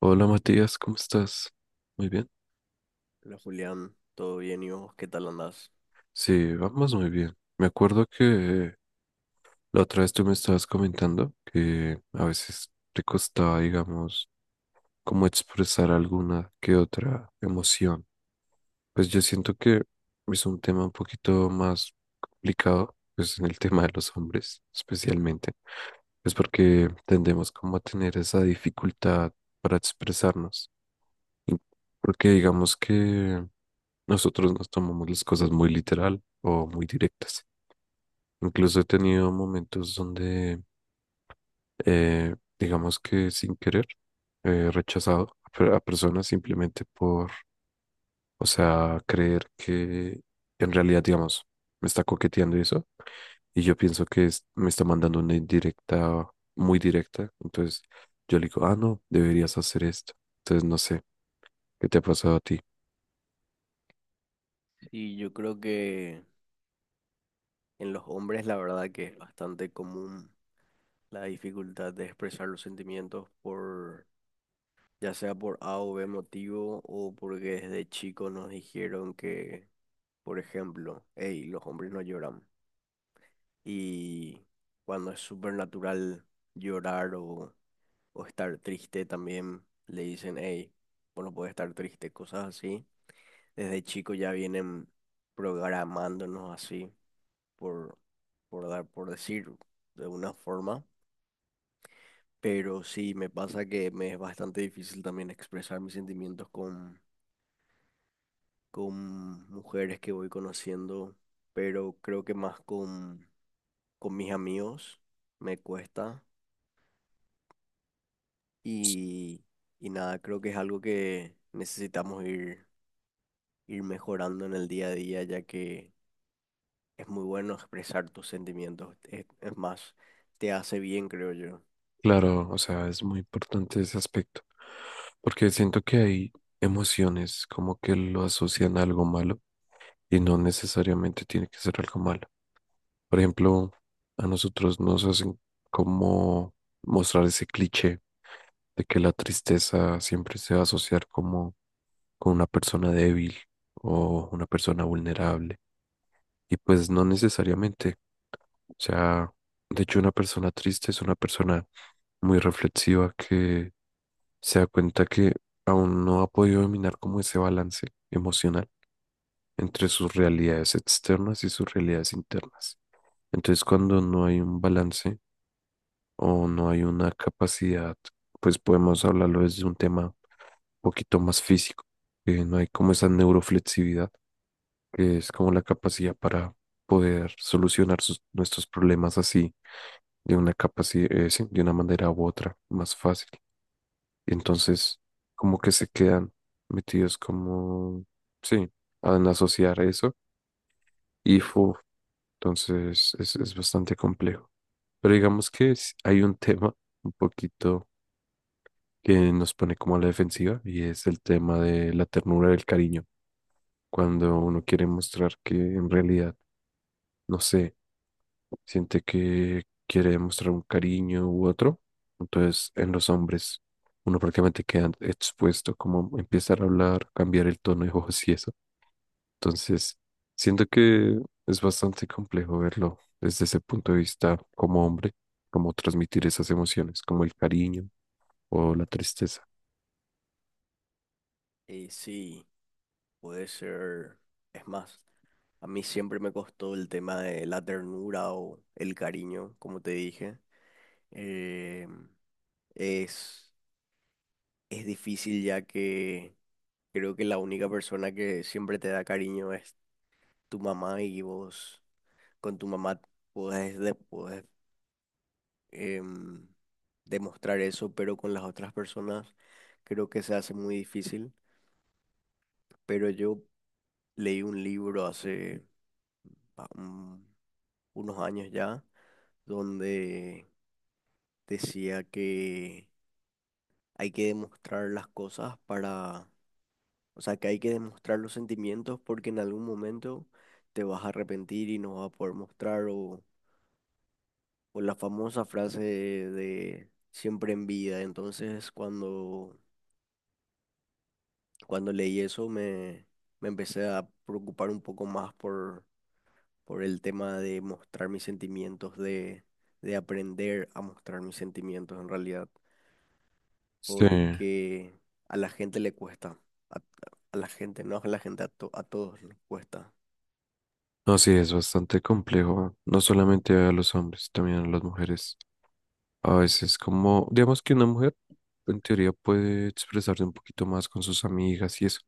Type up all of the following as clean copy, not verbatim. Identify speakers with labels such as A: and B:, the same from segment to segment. A: Hola Matías, ¿cómo estás? Muy bien.
B: Hola Julián, ¿todo bien y vos? ¿Qué tal andás?
A: Sí, vamos muy bien. Me acuerdo que la otra vez tú me estabas comentando que a veces te costaba, digamos, como expresar alguna que otra emoción. Pues yo siento que es un tema un poquito más complicado, pues en el tema de los hombres especialmente, pues porque tendemos como a tener esa dificultad para expresarnos. Y porque digamos que nosotros nos tomamos las cosas muy literal o muy directas. Incluso he tenido momentos donde, digamos que sin querer, he rechazado a personas simplemente por, o sea, creer que en realidad, digamos, me está coqueteando y eso. Y yo pienso que me está mandando una indirecta, muy directa. Entonces yo le digo, ah, no, deberías hacer esto. Entonces no sé, ¿qué te ha pasado a ti?
B: Sí, yo creo que en los hombres la verdad que es bastante común la dificultad de expresar los sentimientos por, ya sea por A o B motivo o porque desde chico nos dijeron que, por ejemplo, hey, los hombres no lloran. Y cuando es súper natural llorar o estar triste también le dicen, hey, vos no podés estar triste, cosas así. Desde chico ya vienen programándonos así, por, por dar, por decir de una forma. Pero sí, me pasa que me es bastante difícil también expresar mis sentimientos con mujeres que voy conociendo, pero creo que más con mis amigos me cuesta. Y, y nada, creo que es algo que necesitamos ir, ir mejorando en el día a día, ya que es muy bueno expresar tus sentimientos. Es más, te hace bien, creo yo.
A: Claro, o sea, es muy importante ese aspecto, porque siento que hay emociones como que lo asocian a algo malo y no necesariamente tiene que ser algo malo. Por ejemplo, a nosotros nos hacen como mostrar ese cliché de que la tristeza siempre se va a asociar como con una persona débil o una persona vulnerable. Y pues no necesariamente. O sea, de hecho, una persona triste es una persona muy reflexiva que se da cuenta que aún no ha podido dominar como ese balance emocional entre sus realidades externas y sus realidades internas. Entonces, cuando no hay un balance o no hay una capacidad, pues podemos hablarlo desde un tema un poquito más físico, que no hay como esa neuroflexibilidad, que es como la capacidad para poder solucionar nuestros problemas así, de una capacidad, de una manera u otra, más fácil. Y entonces, como que se quedan metidos como, sí, en asociar eso. Y fu, entonces es bastante complejo. Pero digamos que hay un tema un poquito que nos pone como a la defensiva y es el tema de la ternura del cariño. Cuando uno quiere mostrar que en realidad, no sé, siente que quiere demostrar un cariño u otro. Entonces, en los hombres, uno prácticamente queda expuesto como empezar a hablar, cambiar el tono de voz y eso. Entonces, siento que es bastante complejo verlo desde ese punto de vista como hombre, como transmitir esas emociones, como el cariño o la tristeza.
B: Y sí, puede ser. Es más, a mí siempre me costó el tema de la ternura o el cariño, como te dije. Eh, es, es difícil ya que creo que la única persona que siempre te da cariño es tu mamá y vos con tu mamá puedes, después em, demostrar eso, pero con las otras personas creo que se hace muy difícil. Pero yo leí un libro hace ah, un- unos años ya, donde decía que hay que demostrar las cosas para, o sea, que hay que demostrar los sentimientos porque en algún momento te vas a arrepentir y no vas a poder mostrar o la famosa frase de siempre en vida. Cuando leí eso me empecé a preocupar un poco más por el tema de mostrar mis sentimientos, de aprender a mostrar mis sentimientos en realidad,
A: Sí,
B: porque a la gente le cuesta, a, a la gente, no a la gente, a, a todos les cuesta.
A: no, sí, es bastante complejo, no solamente a los hombres, también a las mujeres. A veces como, digamos que una mujer en teoría puede expresarse un poquito más con sus amigas y eso,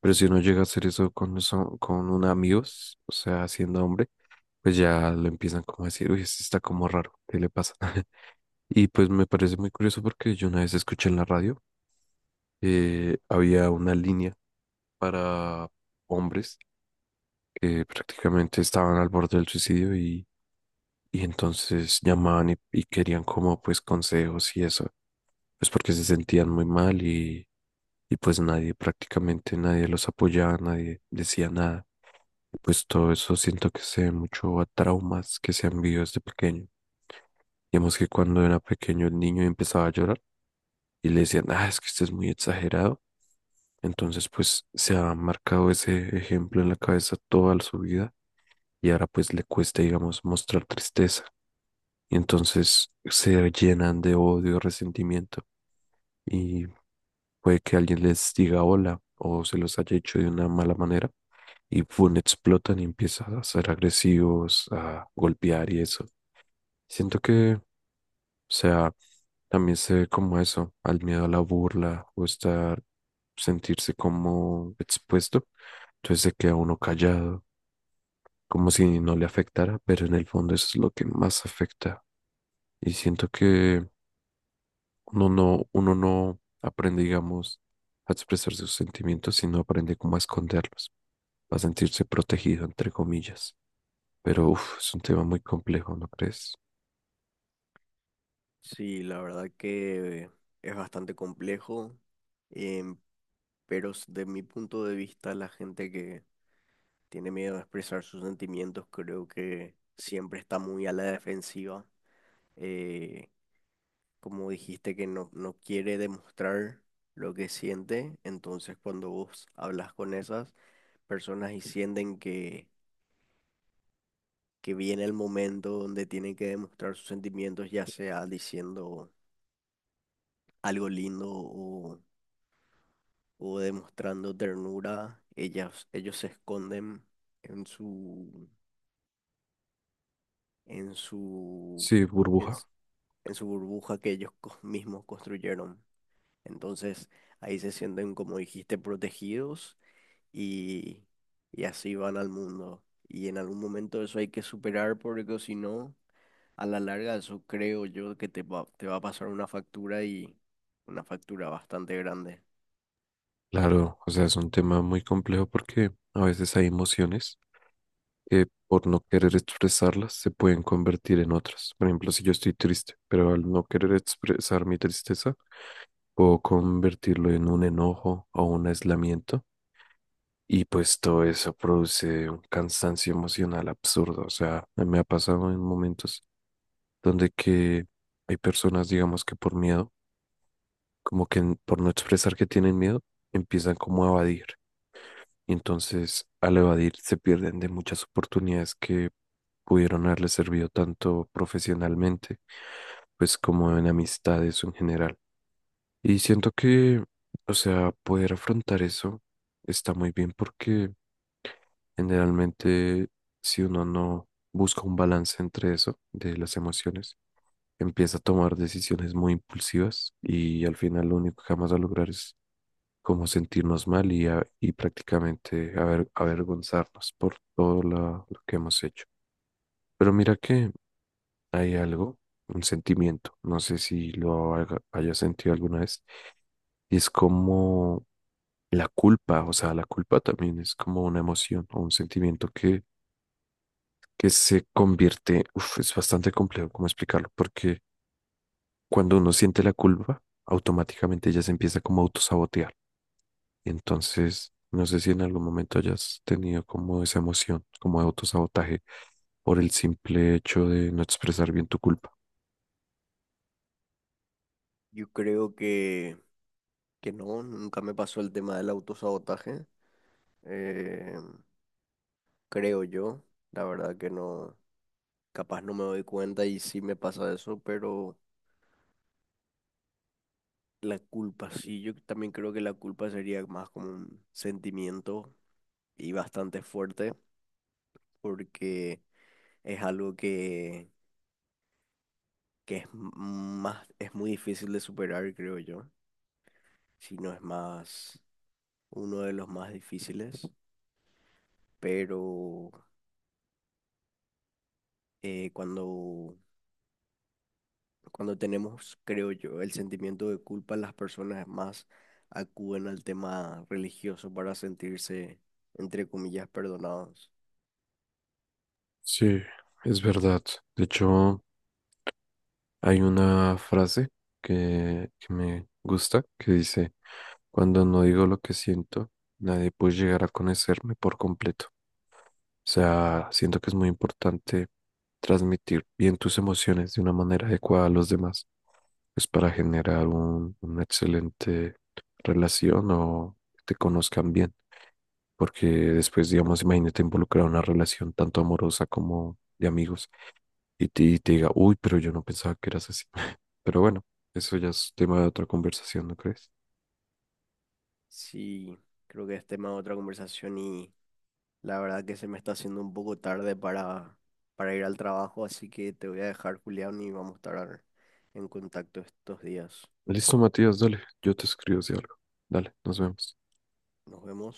A: pero si no llega a hacer eso con un amigos, o sea, siendo hombre, pues ya lo empiezan como a decir, uy, este está como raro, ¿qué le pasa? Y pues me parece muy curioso porque yo una vez escuché en la radio, había una línea para hombres que prácticamente estaban al borde del suicidio y entonces llamaban y querían como pues consejos y eso, pues porque se sentían muy mal y pues nadie, prácticamente nadie los apoyaba, nadie decía nada. Pues todo eso siento que se ve mucho a traumas que se han vivido desde pequeño. Digamos que cuando era pequeño el niño empezaba a llorar y le decían, ah, es que usted es muy exagerado. Entonces, pues se ha marcado ese ejemplo en la cabeza toda su vida y ahora pues le cuesta, digamos, mostrar tristeza. Y entonces se llenan de odio, resentimiento y puede que alguien les diga hola o se los haya hecho de una mala manera y pum, explotan y empiezan a ser agresivos, a golpear y eso. Siento que, o sea, también se ve como eso, al miedo a la burla o estar, sentirse como expuesto. Entonces se queda uno callado, como si no le afectara, pero en el fondo eso es lo que más afecta. Y siento que uno no aprende, digamos, a expresar sus sentimientos, sino aprende cómo a esconderlos, a sentirse protegido, entre comillas. Pero uf, es un tema muy complejo, ¿no crees?
B: Sí, la verdad que es bastante complejo, em, pero de mi punto de vista la gente que tiene miedo a expresar sus sentimientos creo que siempre está muy a la defensiva, eh, como dijiste que no, no quiere demostrar lo que siente, entonces cuando vos hablas con esas personas y sienten que viene el momento donde tienen que demostrar sus sentimientos, ya sea diciendo algo lindo o demostrando ternura, ellas, ellos se esconden en en su,
A: Sí,
B: en,
A: burbuja.
B: s- en su burbuja que ellos mismos construyeron. Entonces, Ahí se sienten, como dijiste, protegidos y, y así van al mundo. Y en algún momento eso hay que superar porque si no, a la larga eso creo yo que te va a pasar una factura y una factura bastante grande.
A: Claro, o sea, es un tema muy complejo porque a veces hay emociones que por no querer expresarlas se pueden convertir en otras. Por ejemplo, si yo estoy triste, pero al no querer expresar mi tristeza, puedo convertirlo en un enojo o un aislamiento. Y pues todo eso produce un cansancio emocional absurdo. O sea, me ha pasado en momentos donde que hay personas, digamos que por miedo, como que por no expresar que tienen miedo, empiezan como a evadir. Y entonces al evadir se pierden de muchas oportunidades que pudieron haberles servido tanto profesionalmente, pues como en amistades o en general. Y siento que, o sea, poder afrontar eso está muy bien porque generalmente, si uno no busca un balance entre eso, de las emociones, empieza a tomar decisiones muy impulsivas y al final lo único que vamos a lograr es como sentirnos mal y prácticamente avergonzarnos por todo lo que hemos hecho. Pero mira que hay algo, un sentimiento, no sé si lo hayas sentido alguna vez, y es como la culpa, o sea, la culpa también es como una emoción o un sentimiento que se convierte, uf, es bastante complejo cómo explicarlo, porque cuando uno siente la culpa, automáticamente ya se empieza como a autosabotear. Entonces, no sé si en algún momento hayas tenido como esa emoción, como de autosabotaje, por el simple hecho de no expresar bien tu culpa.
B: Yo creo que no, nunca me pasó el tema del autosabotaje. eh, creo yo, la verdad que no, capaz no me doy cuenta y sí me pasa eso, pero la culpa, sí, yo también creo que la culpa sería más como un sentimiento y bastante fuerte porque es algo que es más, es muy difícil de superar, creo yo, si no es más uno de los más difíciles, pero eh, cuando, cuando tenemos, creo yo, el sentimiento de culpa, las personas más acuden al tema religioso para sentirse, entre comillas, perdonados.
A: Sí, es verdad. De hecho, hay una frase que me gusta que dice, cuando no digo lo que siento, nadie puede llegar a conocerme por completo. O sea, siento que es muy importante transmitir bien tus emociones de una manera adecuada a los demás, pues para generar una excelente relación o que te conozcan bien. Porque después, digamos, imagínate involucrar una relación tanto amorosa como de amigos y te diga, uy, pero yo no pensaba que eras así. Pero bueno, eso ya es tema de otra conversación, ¿no crees?
B: Sí, creo que es tema de otra conversación y la verdad que se me está haciendo un poco tarde para ir al trabajo, así que te voy a dejar, Julián, y vamos a estar en contacto estos días.
A: Listo, Matías, dale, yo te escribo si algo. Dale, nos vemos.
B: Nos vemos.